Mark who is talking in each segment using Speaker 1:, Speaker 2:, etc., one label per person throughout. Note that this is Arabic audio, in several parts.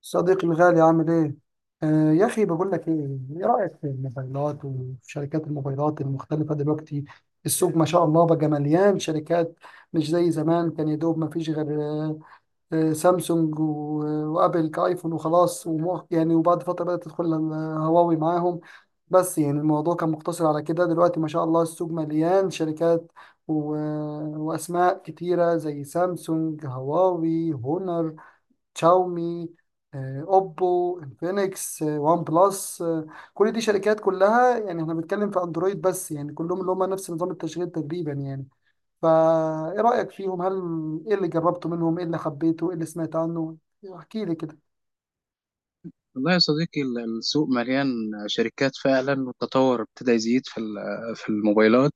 Speaker 1: صديقي الغالي عامل ايه؟ يا اخي بقول لك ايه؟ ايه رأيك في الموبايلات وفي شركات الموبايلات المختلفة دلوقتي؟ السوق ما شاء الله بقى مليان شركات. مش زي زمان، كان يا دوب ما فيش غير سامسونج و- وابل كايفون وخلاص، وبعد فترة بدأت تدخل هواوي معاهم. بس يعني الموضوع كان مقتصر على كده. دلوقتي ما شاء الله السوق مليان شركات و- واسماء كتيرة، زي سامسونج، هواوي، هونر، شاومي، اوبو، انفينكس، وان بلس. كل دي شركات، كلها يعني احنا بنتكلم في اندرويد، بس يعني كلهم اللي هم نفس نظام التشغيل تقريبا يعني. فا ايه رأيك فيهم؟ ايه اللي جربته منهم؟ ايه اللي حبيته؟ ايه اللي سمعت عنه؟ يعني احكي لي كده.
Speaker 2: والله يا صديقي، السوق مليان شركات فعلا. والتطور ابتدى يزيد في الموبايلات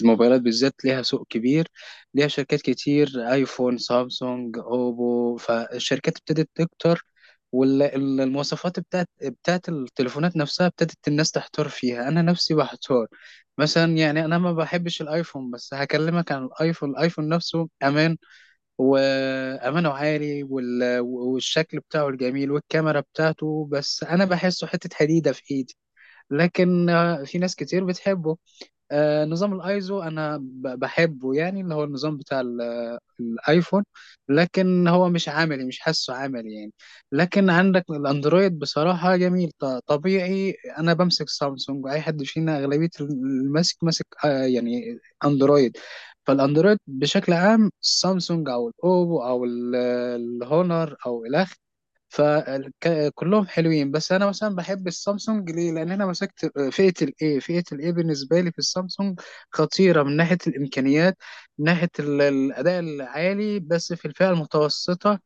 Speaker 2: الموبايلات بالذات ليها سوق كبير، ليها شركات كتير: ايفون، سامسونج، اوبو. فالشركات ابتدت تكتر، والمواصفات بتاعت التليفونات نفسها ابتدت الناس تحتار فيها. انا نفسي بحتار. مثلا يعني انا ما بحبش الايفون، بس هكلمك عن الايفون نفسه امان وامانه عاري، والشكل بتاعه الجميل والكاميرا بتاعته، بس انا بحسه حته حديده في ايدي. لكن في ناس كتير بتحبه. نظام الايزو انا بحبه، يعني اللي هو النظام بتاع الايفون، لكن هو مش عملي، مش حاسه عملي يعني. لكن عندك الاندرويد بصراحة جميل، طبيعي. انا بمسك سامسونج، اي حد فينا اغلبية الماسك ماسك، يعني اندرويد. فالاندرويد بشكل عام: سامسونج او الاوبو او الهونر او الى، فكلهم حلوين. بس انا مثلا بحب السامسونج ليه؟ لان انا مسكت فئه الاي بالنسبه لي في السامسونج خطيره من ناحيه الامكانيات، من ناحيه الاداء العالي، بس في الفئه المتوسطه.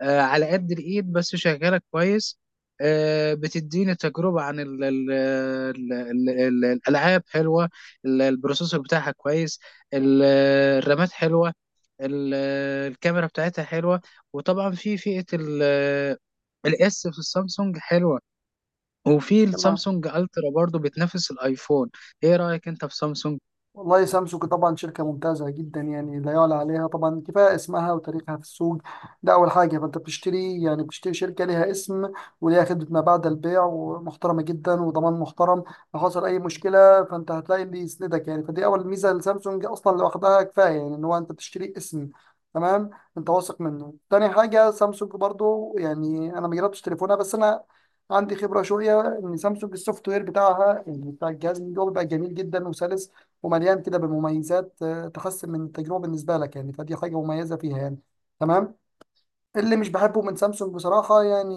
Speaker 2: على قد الايد بس شغاله كويس. بتديني تجربه عن ال ال ال ال ال الالعاب حلوه، البروسيسور بتاعها كويس، ال- الرامات حلوه، ال- الكاميرا بتاعتها حلوه. وطبعا في فئه الاس في السامسونج حلوه، وفي
Speaker 1: تمام.
Speaker 2: السامسونج الترا برضو بتنافس الايفون. ايه رايك انت في سامسونج؟
Speaker 1: والله سامسونج طبعا شركة ممتازة جدا، يعني لا يعلى عليها طبعا. كفاية اسمها وتاريخها في السوق، ده أول حاجة. فأنت بتشتري يعني بتشتري شركة ليها اسم، وليها خدمة ما بعد البيع ومحترمة جدا، وضمان محترم. لو حصل أي مشكلة فأنت هتلاقي اللي يسندك يعني، فدي أول ميزة لسامسونج. أصلا لوحدها كفاية يعني، إن هو أنت بتشتري اسم تمام أنت واثق منه. تاني حاجة سامسونج برضو، يعني أنا ما جربتش تليفونها، بس أنا عندي خبرة شوية إن سامسونج السوفت وير بتاعها، يعني بتاع الجهاز من جوه، بيبقى جميل جدا وسلس ومليان كده بمميزات تحسن من التجربة بالنسبة لك، يعني فدي حاجة مميزة فيها يعني. تمام. اللي مش بحبه من سامسونج بصراحة يعني،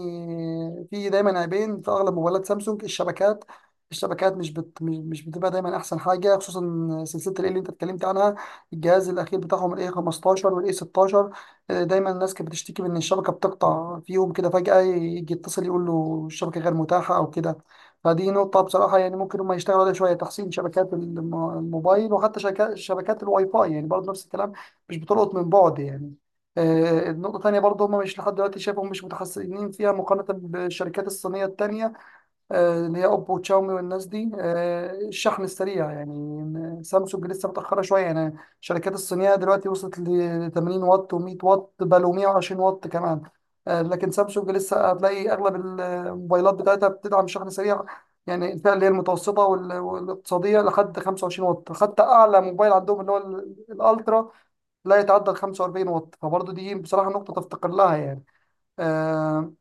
Speaker 1: في دايما عيبين في أغلب موبايلات سامسونج. الشبكات، الشبكات مش بت... مش مش بتبقى دايما أحسن حاجة، خصوصا سلسلة ال اللي أنت اتكلمت عنها، الجهاز الأخير بتاعهم ال A15 وال A16. دايما الناس كانت بتشتكي من إن الشبكة بتقطع فيهم كده فجأة، يجي يتصل يقول له الشبكة غير متاحة أو كده. فدي نقطة بصراحة يعني ممكن هم يشتغلوا عليها شوية، تحسين شبكات الموبايل، وحتى شبكات الواي فاي يعني برضه نفس الكلام، مش بتلقط من بعد يعني. النقطة التانية برضه هم مش لحد دلوقتي شايفهم مش متحسنين فيها مقارنة بالشركات الصينية التانية، اللي هي أوبو وتشاومي والناس دي، الشحن السريع. يعني سامسونج لسه متأخرة شوية يعني. الشركات الصينية دلوقتي وصلت ل 80 واط و100 واط، بل و120 واط كمان. لكن سامسونج لسه هتلاقي أغلب الموبايلات بتاعتها بتدعم شحن سريع، يعني الفئة اللي هي المتوسطة والاقتصادية لحد 25 واط، حتى أعلى موبايل عندهم اللي هو الألترا لا يتعدى ال 45 واط. فبرضه دي بصراحة نقطة تفتقر لها يعني. آه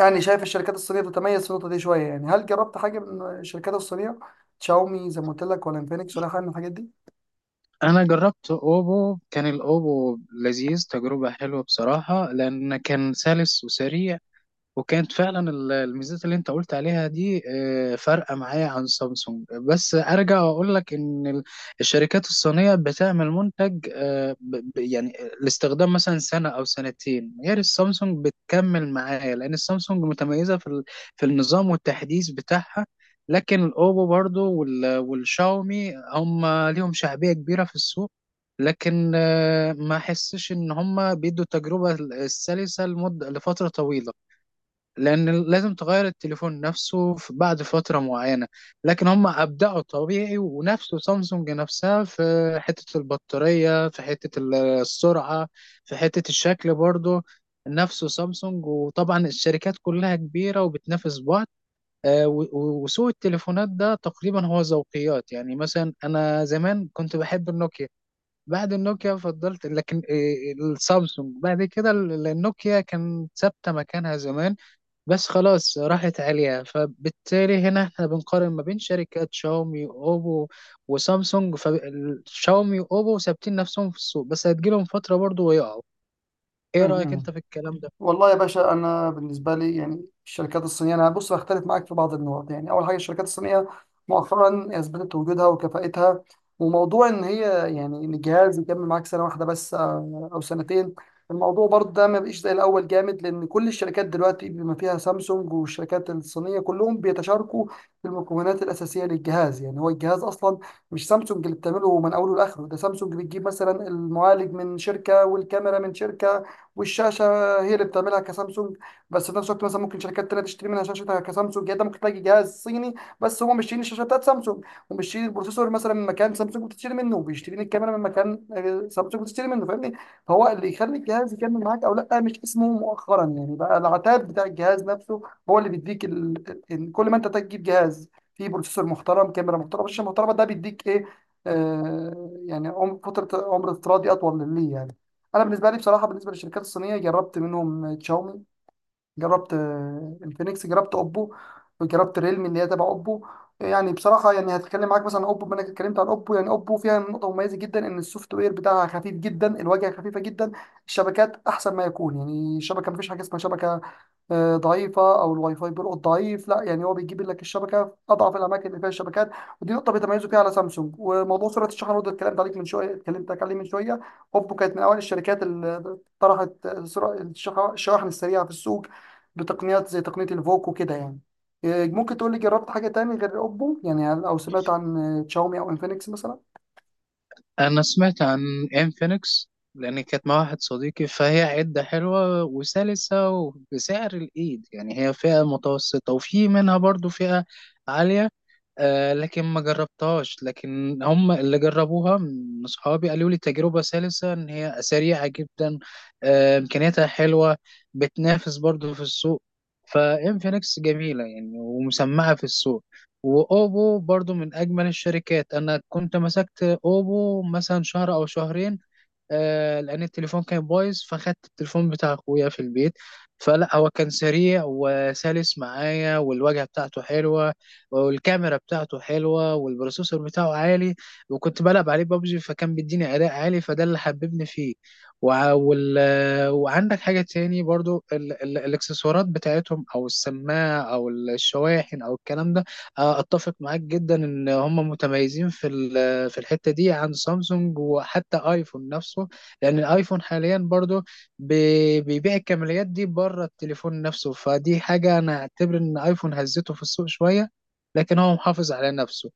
Speaker 1: يعني شايف الشركات الصينية بتتميز في النقطة دي شوية يعني. هل جربت حاجة من الشركات الصينية؟ شاومي زي ما قلت لك، ولا انفينكس، ولا حاجة من الحاجات
Speaker 2: انا جربت اوبو. كان الاوبو لذيذ، تجربه حلوه بصراحه، لان كان سلس وسريع، وكانت فعلا الميزات اللي انت قلت عليها دي، فارقه معايا عن سامسونج. بس ارجع واقول لك ان الشركات الصينيه بتعمل منتج، يعني لاستخدام مثلا سنه او سنتين، غير السامسونج بتكمل معايا لان السامسونج متميزه في في النظام والتحديث بتاعها. لكن الاوبو برضو والشاومي هم ليهم شعبيه كبيره في السوق، لكن ما احسش ان هم بيدوا التجربه السلسه لمده، لفتره طويله، لأن لازم تغير التليفون نفسه بعد فترة معينة. لكن هم أبدعوا طبيعي، ونفسه سامسونج نفسها في حتة البطارية، في حتة السرعة، في حتة الشكل برضه نفسه سامسونج. وطبعا الشركات كلها كبيرة وبتنافس بعض. وسوق التليفونات ده تقريبا هو ذوقيات. يعني مثلا أنا زمان كنت بحب النوكيا، بعد النوكيا فضلت، لكن السامسونج بعد كده. النوكيا كان ثابتة مكانها زمان، بس خلاص راحت عليها. فبالتالي هنا احنا بنقارن ما بين شركات شاومي، اوبو، وسامسونج. فشاومي واوبو ثابتين نفسهم في السوق، بس هتجيلهم فترة برضو ويقعوا. ايه رأيك
Speaker 1: دي؟
Speaker 2: انت في الكلام ده؟
Speaker 1: والله يا باشا، انا بالنسبه لي يعني الشركات الصينيه، انا بص هختلف معاك في بعض النقط. يعني اول حاجه، الشركات الصينيه مؤخرا اثبتت وجودها وكفاءتها. وموضوع ان هي يعني ان الجهاز يكمل معاك سنه واحده بس او سنتين، الموضوع برضه ده ما بقيش زي الاول جامد، لان كل الشركات دلوقتي بما فيها سامسونج والشركات الصينيه كلهم بيتشاركوا في المكونات الاساسيه للجهاز. يعني هو الجهاز اصلا مش سامسونج اللي بتعمله من اوله لاخره، ده سامسونج بتجيب مثلا المعالج من شركه، والكاميرا من شركه، والشاشه هي اللي بتعملها كسامسونج. بس في نفس الوقت مثلا ممكن شركات تانية تشتري منها شاشتها كسامسونج. يعني انت ممكن تلاقي جهاز صيني بس هو مش شايلين الشاشه بتاعت سامسونج، ومش شايلين البروسيسور مثلا من مكان سامسونج بتشتري منه، وبيشترين الكاميرا من مكان سامسونج بتشتري منه، فاهمني. فهو اللي يخلي الجهاز يكمل معاك او لا، مش اسمه مؤخرا يعني. بقى العتاد بتاع الجهاز نفسه هو اللي بيديك كل ما انت تجيب جهاز فيه بروسيسور محترم، كاميرا محترمه، شاشه محترمه، ده بيديك ايه؟ آه يعني فترة عمر افتراضي أطول ليه يعني. انا بالنسبه لي بصراحه، بالنسبه للشركات الصينيه، جربت منهم تشاومي، جربت الفينكس، جربت اوبو، وجربت ريلمي اللي هي تبع اوبو. يعني بصراحه يعني هتكلم معاك مثلا عن اوبو، بما انك اتكلمت عن اوبو. يعني اوبو فيها نقطه مميزه جدا، ان السوفت وير بتاعها خفيف جدا، الواجهه خفيفه جدا، الشبكات احسن ما يكون. يعني الشبكه مفيش حاجه اسمها شبكه ضعيفه او الواي فاي بيلقط ضعيف، لا، يعني هو بيجيب لك الشبكه في اضعف الاماكن اللي فيها الشبكات. ودي نقطه بيتميزوا فيها على سامسونج. وموضوع سرعه الشحن برضه، اتكلمت عليه من شويه. اوبو كانت من اوائل الشركات اللي طرحت سرعه الشواحن السريعه في السوق، بتقنيات زي تقنية الفوكو كده يعني. إيه، ممكن تقول لي جربت حاجة تاني غير أوبو؟ يعني أو سمعت عن تشاومي أو إنفينكس مثلا؟
Speaker 2: انا سمعت عن انفينكس، لان كانت مع واحد صديقي، فهي عدة حلوة وسلسة وبسعر الايد، يعني هي فئة متوسطة، وفي منها برضو فئة عالية. لكن ما جربتهاش، لكن هم اللي جربوها من أصحابي قالوا لي تجربة سلسة، إن هي سريعة جدا، إمكانياتها حلوة، بتنافس برضو في السوق. فإنفينكس جميلة يعني ومسمعة في السوق. وأوبو برضو من أجمل الشركات. أنا كنت مسكت أوبو مثلا شهر أو شهرين، لان التليفون كان بايظ، فخدت التليفون بتاع اخويا في البيت. فلا، هو كان سريع وسلس معايا، والواجهه بتاعته حلوه، والكاميرا بتاعته حلوه، والبروسيسور بتاعه عالي، وكنت بلعب عليه بابجي فكان بيديني اداء عالي، فده اللي حببني فيه. وع وال وعندك حاجه تاني برضو، ال ال الاكسسوارات بتاعتهم، او السماعه، او الشواحن، او الكلام ده. اتفق معاك جدا ان هم متميزين في في الحتة دي عن سامسونج وحتى ايفون نفسه، لأن الايفون حاليا برضو بيبيع الكماليات دي بره التليفون نفسه. فدي حاجة أنا أعتبر إن ايفون هزته في السوق شوية، لكن هو محافظ على نفسه.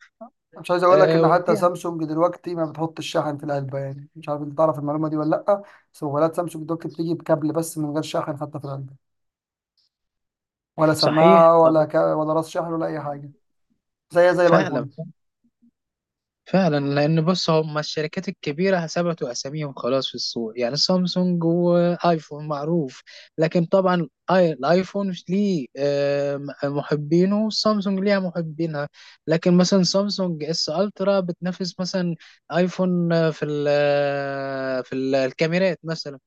Speaker 1: مش عايز أقول لك
Speaker 2: آه،
Speaker 1: إن
Speaker 2: وفي.
Speaker 1: حتى سامسونج دلوقتي ما بتحط الشاحن في العلبة، يعني مش عارف أنت تعرف المعلومة دي ولا لأ. بس موبايلات سامسونج دلوقتي بتيجي بكابل بس من غير شاحن حتى في العلبة، ولا
Speaker 2: صحيح،
Speaker 1: سماعة،
Speaker 2: صحيح.
Speaker 1: ولا راس شاحن، ولا أي حاجة، زي
Speaker 2: فعلا،
Speaker 1: الآيفون.
Speaker 2: فعلا، لان بص، هم الشركات الكبيره ثبتوا اساميهم خلاص في السوق، يعني سامسونج وايفون معروف. لكن طبعا الايفون ليه محبينه، وسامسونج ليها محبينها. لكن مثلا سامسونج اس الترا بتنافس مثلا ايفون آه، في ال آه، في ال- الكاميرات مثلا.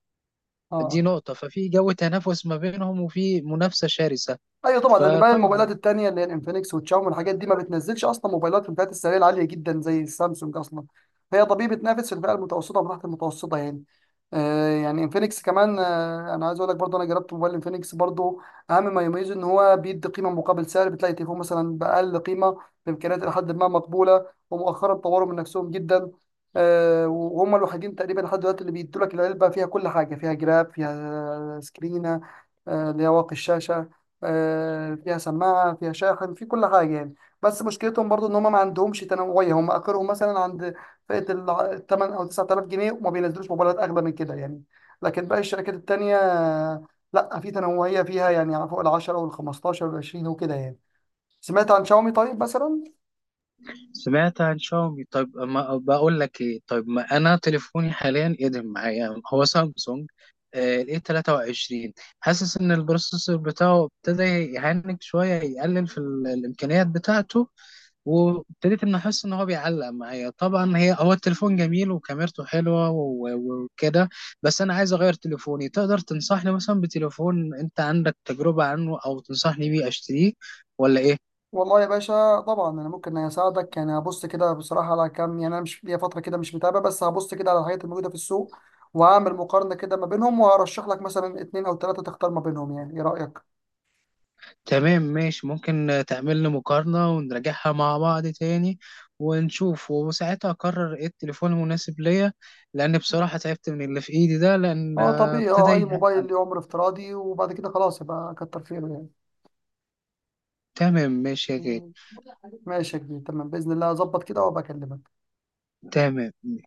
Speaker 2: دي
Speaker 1: اه،
Speaker 2: نقطه، ففي جو تنافس ما بينهم وفي منافسه شرسه.
Speaker 1: ايوه طبعا، لان بقى
Speaker 2: فطبعا
Speaker 1: الموبايلات التانية اللي هي الانفينكس والشاومي والحاجات دي ما بتنزلش اصلا موبايلات في الفئات السعريه العاليه جدا زي السامسونج اصلا. هي طبيعي بتنافس في الفئه المتوسطه وتحت المتوسطه يعني. آه يعني انفينكس كمان، آه انا عايز اقول لك برضه، انا جربت موبايل انفينكس برضه. اهم ما يميزه ان هو بيدي قيمه مقابل سعر، بتلاقي تليفون مثلا باقل قيمه بامكانيات الى حد ما مقبوله. ومؤخرا طوروا من نفسهم جدا. آه وهم الوحيدين تقريبا لحد دلوقتي اللي بيدوا لك العلبه فيها كل حاجه، فيها جراب، فيها سكرينه اللي هي واقي الشاشه، فيها سماعة، فيها شاحن، في كل حاجة يعني. بس مشكلتهم برضو ان هم ما عندهمش تنوعية. هم اخرهم مثلا عند فئة ال 8 او 9000 جنيه، وما بينزلوش موبايلات اغلى من كده يعني. لكن باقي الشركات التانية لا، في تنوعية فيها يعني، فوق ال 10 وال 15 وال 20 وكده يعني. سمعت عن شاومي طيب مثلا؟
Speaker 2: سمعت عن شاومي. طيب، ما بقول لك ايه؟ طيب، ما انا تليفوني حاليا ادم معايا هو سامسونج الاي 23، حاسس ان البروسيسور بتاعه ابتدى يهنج شويه، يقلل في الامكانيات بتاعته، وابتديت ان احس ان هو بيعلق معايا. طبعا هو التليفون جميل وكاميرته حلوه وكده، بس انا عايز اغير تليفوني. تقدر تنصحني مثلا بتليفون انت عندك تجربه عنه، او تنصحني بيه اشتريه، ولا ايه؟
Speaker 1: والله يا باشا طبعا انا ممكن اساعدك يعني. هبص كده بصراحه على كام، يعني انا مش ليا فتره كده مش متابع، بس هبص كده على الحاجات الموجوده في السوق، وهعمل مقارنه كده ما بينهم، وهرشح لك مثلا اتنين او تلاته تختار ما بينهم. يعني ايه رايك؟
Speaker 2: تمام، ماشي. ممكن تعمل لي مقارنة ونراجعها مع بعض تاني ونشوف، وساعتها أقرر إيه التليفون المناسب ليا، لأن بصراحة تعبت من اللي في إيدي ده، لأن
Speaker 1: اه طبيعي،
Speaker 2: ابتدى
Speaker 1: اه اي
Speaker 2: يهد-.
Speaker 1: موبايل ليه عمر افتراضي، وبعد كده خلاص، يبقى كتر خيره يعني.
Speaker 2: تمام، ماشي يا غالي.
Speaker 1: ماشي يا كبير، تمام باذن الله اظبط كده وابقى اكلمك.
Speaker 2: تمام، ماشي.